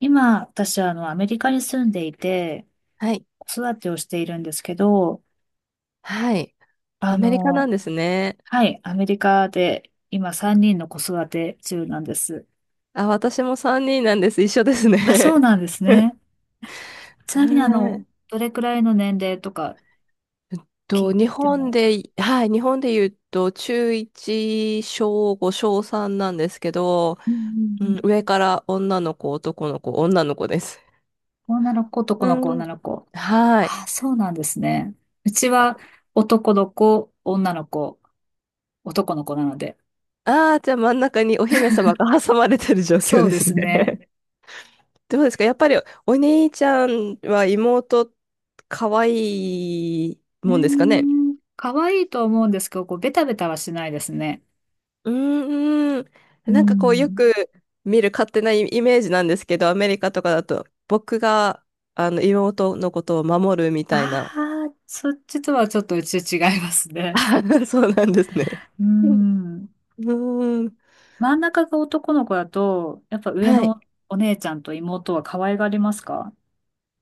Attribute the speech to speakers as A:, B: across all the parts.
A: 今、私はアメリカに住んでいて、
B: はい。
A: 子育てをしているんですけど、
B: はい。
A: あ
B: アメリカなん
A: の、
B: ですね。
A: はい、アメリカで今3人の子育て中なんです。
B: あ、私も3人なんです。一緒です
A: あ、そう
B: ね。
A: なんです ね。ちなみに
B: はい。
A: どれくらいの年齢とか
B: えっ
A: 聞い
B: 日
A: て
B: 本
A: も？
B: で、はい、日本で言うと、中1、小5、小3なんですけど、
A: うんうん
B: う
A: う
B: ん、
A: ん。
B: 上から女の子、男の子、女の子です。
A: 女の子、男の子、
B: う
A: 女
B: ん。
A: の子。
B: はい。
A: あ、そうなんですね。うちは男の子、女の子、男の子なので。
B: ああー、じゃあ真ん中にお姫様が 挟まれてる状況
A: そう
B: で
A: で
B: す
A: すね。
B: ね。どうですかやっぱりお兄ちゃんは妹可愛いもんですかね。
A: 可愛いと思うんですけど、こう、ベタベタはしないですね。
B: うーん。
A: う
B: なんかこうよ
A: ん。
B: く見る勝手なイイメージなんですけど、アメリカとかだと僕があの妹のことを守るみたいな。
A: ああ、そっちとはちょっとうち違いますね。
B: あ そうなんですね。
A: う
B: うん
A: ん。
B: うーん。
A: 真ん中が男の子だと、やっぱ上
B: はい。
A: のお姉ちゃんと妹は可愛がりますか？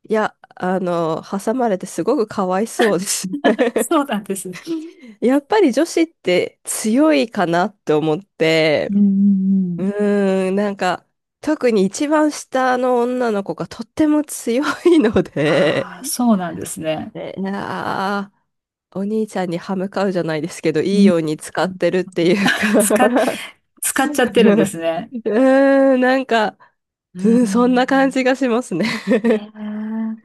B: いや、挟まれてすごくかわいそうですね。
A: そうなんですね。
B: やっぱり女子って強いかなって思っ
A: う
B: て、
A: んうんう
B: う
A: ん。
B: ーん、なんか特に一番下の女の子がとっても強いの
A: ああ、
B: で、
A: そうなんですね。
B: えーなあ、お兄ちゃんに歯向かうじゃないですけど、
A: う
B: いい
A: ん。
B: ように使ってるっていう
A: 使っ、
B: か
A: 使っちゃってるんですね。
B: うーん、なんか、
A: う
B: うん、そんな感
A: ん。
B: じがしますね。
A: え え。い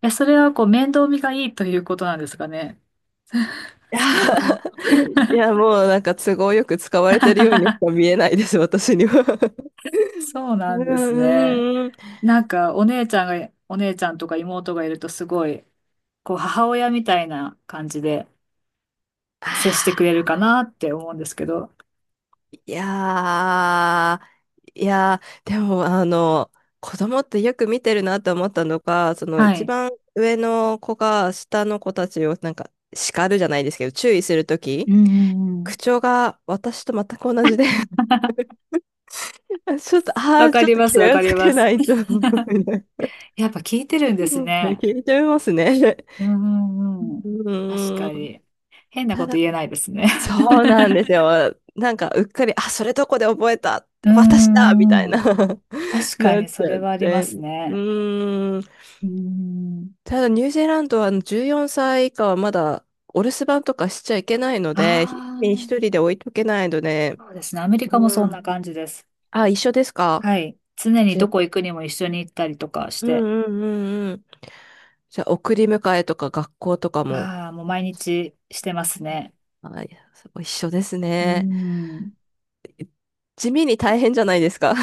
A: や、それはこう面倒見がいいということなんですかね。
B: い
A: う
B: や、
A: ん。
B: いやもうなんか都合よく使われてるようにし か見えないです、私には。
A: そう
B: う
A: な
B: ん、
A: んですね。
B: うん、うん。
A: なんかお姉ちゃんとか妹がいるとすごい、こう母親みたいな感じで接して
B: あ
A: くれるかなって思うんですけど。
B: ーいやーいやー、でも、子供ってよく見てるなと思ったのが、その
A: は
B: 一
A: い。
B: 番上の子が下の子たちをなんか叱るじゃないですけど、注意すると
A: う
B: き、
A: んうんうん。
B: 口調が私と全く同じで ちょっと、あ
A: わ
B: あ、
A: か
B: ちょっ
A: り
B: と
A: ま
B: 気
A: す、わか
B: を
A: り
B: つ
A: ま
B: け
A: す。
B: ないと 聞
A: やっぱ聞いてるんで
B: い
A: すね。
B: ち聞いてますね。
A: うんうんうん。確か
B: うーん。
A: に。変なこ
B: た
A: と
B: だ、
A: 言えないですね。
B: そうなんですよ。なんか、うっかり、あ、それどこで覚えた
A: う
B: 私だみ
A: んう
B: たい
A: んう
B: な。
A: ん。確か
B: なっ
A: に
B: ち
A: そ
B: ゃ
A: れ
B: っ
A: はありま
B: て。
A: す
B: う
A: ね。
B: ーん。
A: うん。
B: ただニュージーランドは14歳以下はまだお留守番とかしちゃいけないので、一
A: あ
B: 人で置いとけないので、
A: あ、そうですね。アメリカも
B: う
A: そんな
B: ん。
A: 感じです。
B: あ、一緒ですか。
A: はい。常に
B: じゃ、
A: どこ行くにも一緒に行ったりとかし
B: うん
A: て。
B: うんうんうん。じゃあ、送り迎えとか学校とかも、
A: ああ、もう毎日してますね。
B: あ、いやそう一緒です
A: う
B: ね。
A: ん。
B: 地味に大変じゃないですか。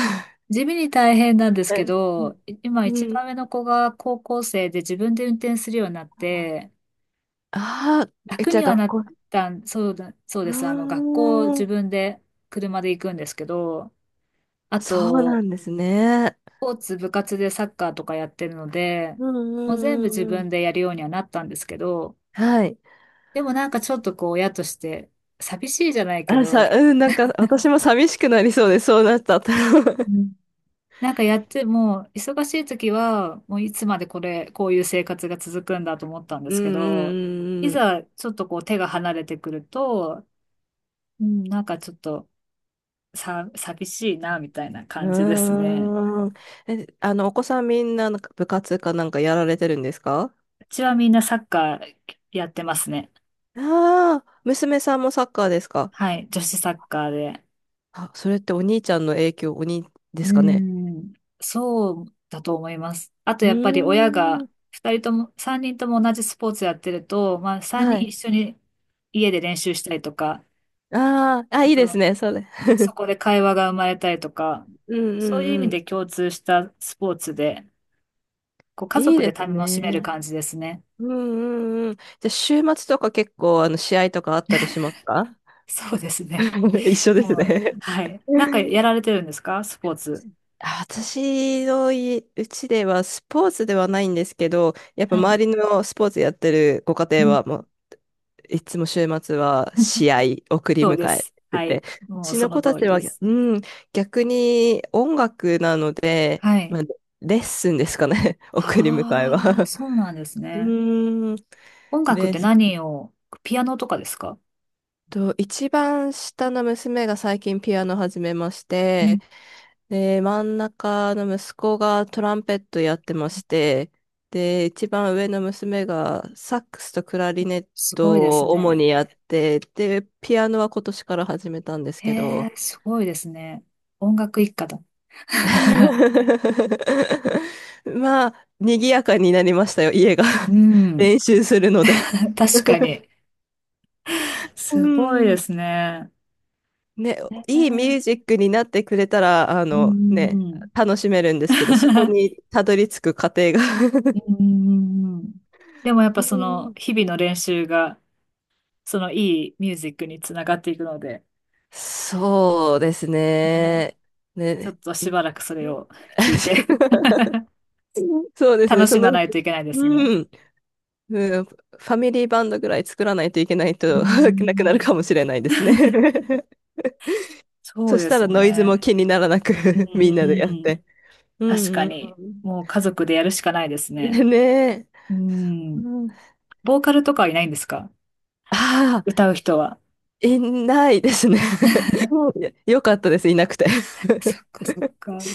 A: 地味に大変なんで す
B: う
A: け
B: ん。
A: ど、今
B: う
A: 一
B: ん
A: 番上の子が高校生で自分で運転するようになって、
B: ああ、え、
A: 楽
B: じゃ
A: に
B: あ
A: はな
B: 学
A: っ
B: 校。う
A: たん、そうだ、そう
B: ー
A: です。学校自
B: ん。
A: 分で車で行くんですけど、あ
B: そうな
A: と、
B: んですね。
A: スポーツ部活でサッカーとかやってるので、
B: うんう
A: もう全部
B: んう
A: 自
B: んう
A: 分
B: ん。
A: でやるようにはなったんですけど、
B: はい。
A: でもなんかちょっとこう親として寂しいじゃないけ
B: あ、
A: ど、
B: うん、なんか私も寂しくなりそうで、そうなったら。
A: う んなんかやっても、忙しい時は、もういつまでこういう生活が続くんだと思ったんで
B: う
A: すけど、
B: ん
A: い
B: うん、
A: ざちょっとこう手が離れてくると、うん、なんかちょっと寂しいな、みたいな
B: う
A: 感じですね。
B: ん、うん。うーん。え、お子さんみんな、なんか部活かなんかやられてるんですか。
A: うちはみんなサッカーやってますね。
B: ああー、娘さんもサッカーですか。
A: はい、女子サッカーで。
B: あ、それってお兄ちゃんの影響、お兄で
A: うー
B: すかね。
A: ん、そうだと思います。あと
B: う
A: やっぱり親
B: ー
A: が、
B: ん。
A: 二人とも、三人とも同じスポーツやってると、まあ三
B: は
A: 人一
B: い。
A: 緒に家で練習したりとか、
B: ああ、あ、
A: あ
B: いいです
A: と
B: ね、それ。
A: そこで会話が生まれたりとか、
B: うんう
A: そういう意
B: んう
A: 味で
B: ん。
A: 共通したスポーツで、こう家
B: いい
A: 族で
B: です
A: 楽しめる
B: ね。
A: 感じですね。
B: うんうんうん。じゃあ、週末とか結構、試合とかあったりしますか。
A: そうですね。
B: 一緒です
A: もう、
B: ね。
A: はい。なんか やられてるんですか、スポーツ？
B: あ私のいうちではスポーツではないんですけど、やっぱ
A: はい。
B: 周りのスポーツやってるご家
A: う
B: 庭
A: ん。
B: はもういつも週末は 試合送り
A: そうで
B: 迎え
A: す。
B: て
A: はい。
B: て、う
A: もう
B: ち
A: そ
B: の
A: の
B: 子
A: 通
B: たち
A: りで
B: は、
A: す。
B: うん、逆に音楽なので、
A: は
B: ま
A: い。
B: あ、レッスンですかね、送り迎え
A: ああ、
B: は。
A: そうなんです
B: う
A: ね。
B: ーん、
A: 音楽っ
B: で
A: て
B: す
A: 何を、ピアノとかですか？
B: と、一番下の娘が最近ピアノ始めまし
A: うん。
B: て、で、真ん中の息子がトランペットやってまして、で、一番上の娘がサックスとクラリネッ
A: すごいで
B: ト
A: す
B: を主
A: ね。
B: にやって、で、ピアノは今年から始めたんです
A: へ
B: けど、
A: え、すごいですね。音楽一家だ。
B: まあ、賑やかになりましたよ、家が。
A: う ん。
B: 練習するので。
A: 確かに。
B: う
A: すごいで
B: ん。
A: すね。
B: ね、
A: う
B: いいミュー
A: ん
B: ジックになってくれたら、あ
A: う
B: の
A: ん
B: ね、
A: うん。
B: 楽しめるんですけど、そこ にたどり着く過程が。
A: う ん。んでもやっ
B: う
A: ぱその
B: ん
A: 日々の練習がそのいいミュージックにつながっていくので、
B: そうです
A: えー
B: ね。
A: ちょっ
B: ね。
A: とし
B: い
A: ばらくそれを聞いて
B: そう ですね。
A: 楽
B: そ
A: し
B: の、
A: まないといけないですね。
B: うん、うんファミリーバンドぐらい作らないといけない
A: う
B: と なくなる
A: ん。
B: かもしれないですね。
A: そ
B: そ
A: う
B: し
A: で
B: た
A: す
B: らノイズ
A: ね。
B: も気にならなく
A: うん
B: み
A: う
B: んなでやっ
A: んうん。
B: て。う
A: 確
B: ん
A: か
B: う
A: に、
B: ん
A: もう家族でやるしかないです
B: う
A: ね。
B: ん。ねえ。
A: う
B: う
A: ん。
B: ん、
A: ボーカルとかはいないんですか？
B: ああ、
A: 歌う人は。
B: いないですね。もうよ かったです、いなくて。
A: そっ かそっか。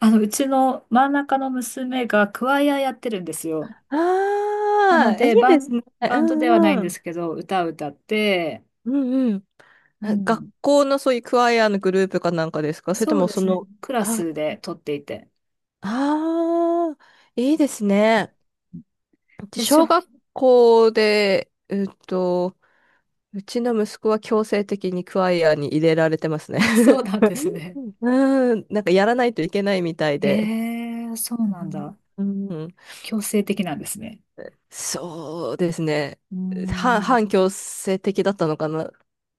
A: うちの真ん中の娘がクワイアやってるんですよ。なの
B: ああ、いい
A: で、
B: ですね。う
A: バンドではない
B: ん
A: ん
B: う
A: で
B: ん。
A: すけど、歌を歌って、
B: うんうん。
A: う
B: あ学
A: ん、
B: 校のそういうクワイアのグループかなんかですかそれと
A: そう
B: も
A: で
B: そ
A: すね、
B: の、
A: クラ
B: あ、
A: スで撮っていて。
B: ああ、いいですね。うち
A: でしょ？
B: 小 学校で、うちの息子は強制的にクワイアに入れられてますね。
A: あ、そうなんですね。
B: うん、なんかやらないといけないみたい
A: へ
B: で。
A: え、そうなんだ。
B: うん、うん
A: 強制的なんですね。
B: そうですね。
A: うーん、う
B: 反強制的だったのかな。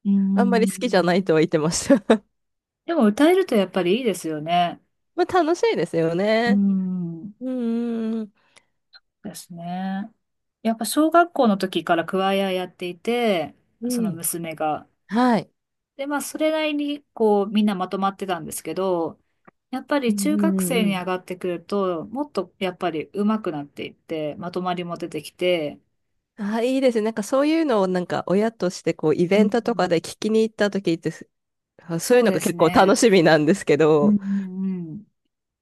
A: ー
B: あんまり好きじゃな
A: ん。
B: いとは言ってました。
A: でも歌えるとやっぱりいいですよね。
B: まあ楽しいですよ
A: うー
B: ね。
A: ん、
B: うんうんうん。
A: ですね。やっぱ小学校の時からクワイアやっていて、
B: う
A: その
B: ん。
A: 娘が。
B: はい。
A: で、まあ、それなりに、こう、みんなまとまってたんですけど、やっぱ
B: う
A: り
B: ん
A: 中
B: う
A: 学
B: んう
A: 生
B: んう
A: に
B: ん。
A: 上がってくると、もっとやっぱり上手くなっていって、まとまりも出てきて、
B: あ、いいですね。なんかそういうのをなんか親としてこうイ
A: う
B: ベ
A: ん。
B: ントとかで聞きに行った時ってす、あそうい
A: そ
B: う
A: う
B: の
A: で
B: が
A: す
B: 結構楽
A: ね。
B: しみなんですけ
A: うん
B: ど。
A: うんうん。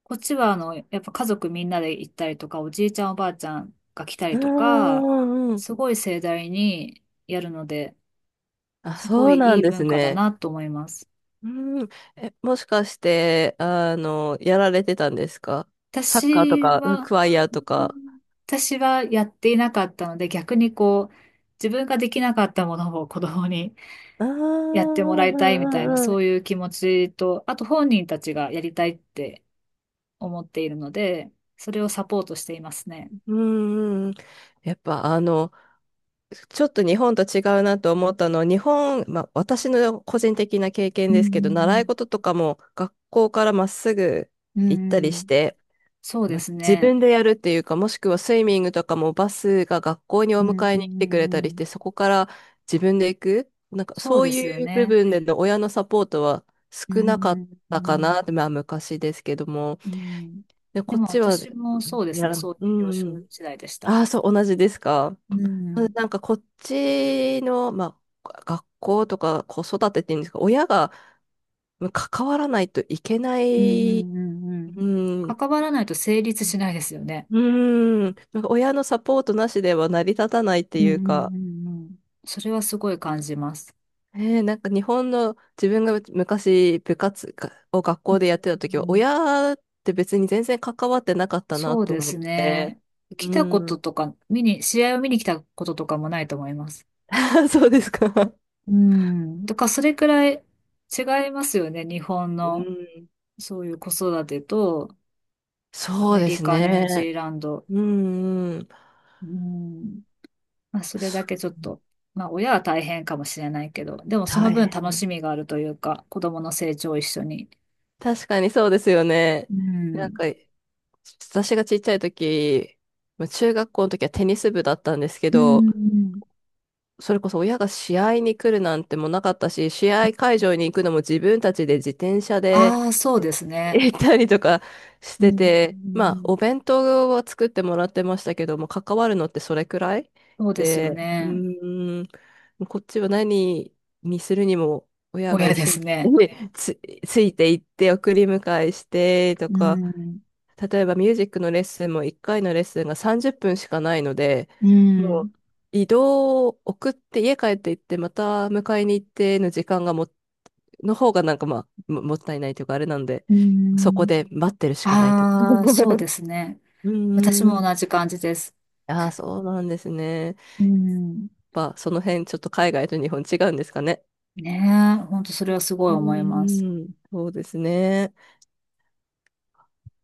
A: こっちは、やっぱ家族みんなで行ったりとか、おじいちゃんおばあちゃんが来た
B: う
A: りとか、
B: んうんうん。
A: すごい盛大にやるので、
B: あ、
A: すご
B: そう
A: い
B: な
A: い
B: ん
A: い
B: です
A: 文化だ
B: ね。
A: なと思います。
B: うん。え、もしかして、やられてたんですか。サッカーと
A: 私
B: か、うん
A: は、
B: クワイア
A: う
B: とか。
A: ん私はやっていなかったので、逆にこう、自分ができなかったものを 子供に
B: ああ、う
A: やってもら
B: ん
A: い
B: う
A: たいみ
B: ん
A: たいな、
B: うんう
A: そ
B: ん。
A: ういう気持ちと、あと本人たちがやりたいって思っているので、それをサポートしていますね。
B: うんうんうん。やっぱあの、ちょっと日本と違うなと思ったのは、日本、まあ、私の個人的な経験
A: う
B: ですけど、習い
A: ん、
B: 事とかも学校からまっすぐ
A: うんうん、
B: 行った
A: うんう
B: りし
A: ん。
B: て、
A: そうで
B: まあ、
A: す
B: 自
A: ね。
B: 分でやるっていうか、もしくはスイミングとかもバスが学校にお
A: うん、
B: 迎
A: う
B: え
A: ん、
B: に来
A: う
B: てくれた
A: んう
B: りし
A: ん。
B: て、そこから自分で行く、なんか
A: そう
B: そう
A: ですよ
B: いう部
A: ね。
B: 分での親のサポートは
A: う
B: 少な
A: ん、
B: かっ
A: うん、う
B: た
A: ん
B: か
A: う
B: なっ
A: ん。
B: て、まあ昔ですけども、
A: うん。
B: で、
A: で
B: こっ
A: も
B: ちは、
A: 私もそうです
B: や
A: ね、
B: ら、う
A: そういう幼
B: ん
A: 少
B: うん。
A: 時代でした。
B: ああ、そう、同じですか。
A: う ん
B: なんかこっちの、まあ、が学校とか子育てっていうんですか、親がうん関わらないといけな
A: うんう
B: い、
A: んうんう
B: う
A: ん。
B: ん、う
A: 関わらないと成立しないですよね。
B: ーん、なんか親のサポートなしでは成り立たないって
A: うんう
B: いうか、
A: んうんうん。それはすごい感じます。
B: えーなんか日本の自分が昔部活を学
A: う
B: 校でやっ
A: ん
B: てた時
A: う
B: は、
A: ん。
B: 親って別に全然関わってなかったな
A: そう
B: と
A: で
B: 思っ
A: す
B: て、
A: ね。来
B: う
A: たこと
B: ん、
A: とか、試合を見に来たこととかもないと思います。
B: そうですか。
A: うん。だからそれくらい違いますよね。日本
B: う
A: の
B: ん、
A: そういう子育てと、ア
B: そう
A: メ
B: で
A: リ
B: す
A: カ、ニュージー
B: ね。
A: ランド。
B: うんうん。
A: うん。まあ、それだ
B: そ
A: け
B: う
A: ちょっと、まあ、親は大変かもしれないけど、でもそ
B: 大
A: の分楽
B: 変。
A: しみがあるというか、子供の成長を一緒に。
B: 確かにそうですよね。
A: う
B: なん
A: ん。
B: か、私がちっちゃい時、まあ中学校の時はテニス部だったんですけ
A: う
B: ど、
A: ん。
B: それこそ親が試合に来るなんてもなかったし、試合会場に行くのも自分たちで自転車で
A: ああ、そう
B: え
A: ですね。
B: 行ったりとかし
A: う
B: て
A: ん。う
B: て、まあ、
A: ん。
B: お弁当は作ってもらってましたけども、関わるのってそれくらい
A: そうですよ
B: で、う
A: ね。
B: ーん、こっちは何にするにも親が
A: 親
B: 一
A: で
B: 緒
A: す
B: に
A: ね。
B: つ、ついて行って送り迎えしてと
A: う
B: か、
A: ん。
B: 例えばミュージックのレッスンも1回のレッスンが30分しかないので、
A: う
B: も
A: ん。
B: う移動を送って家帰って行ってまた迎えに行っての時間がも、の方がなんかまあもったいないというかあれなんで、
A: う
B: そこ
A: ん。
B: で待ってるしかないとか。
A: ああ、そうですね。
B: う
A: 私
B: ー
A: も同
B: ん。
A: じ感じです。
B: ああ、そうなんですね。やっ
A: うん。
B: ぱその辺ちょっと海外と日本違うんですかね。
A: ねえ、本当それはすご
B: う
A: い思います。
B: ーん。そうですね。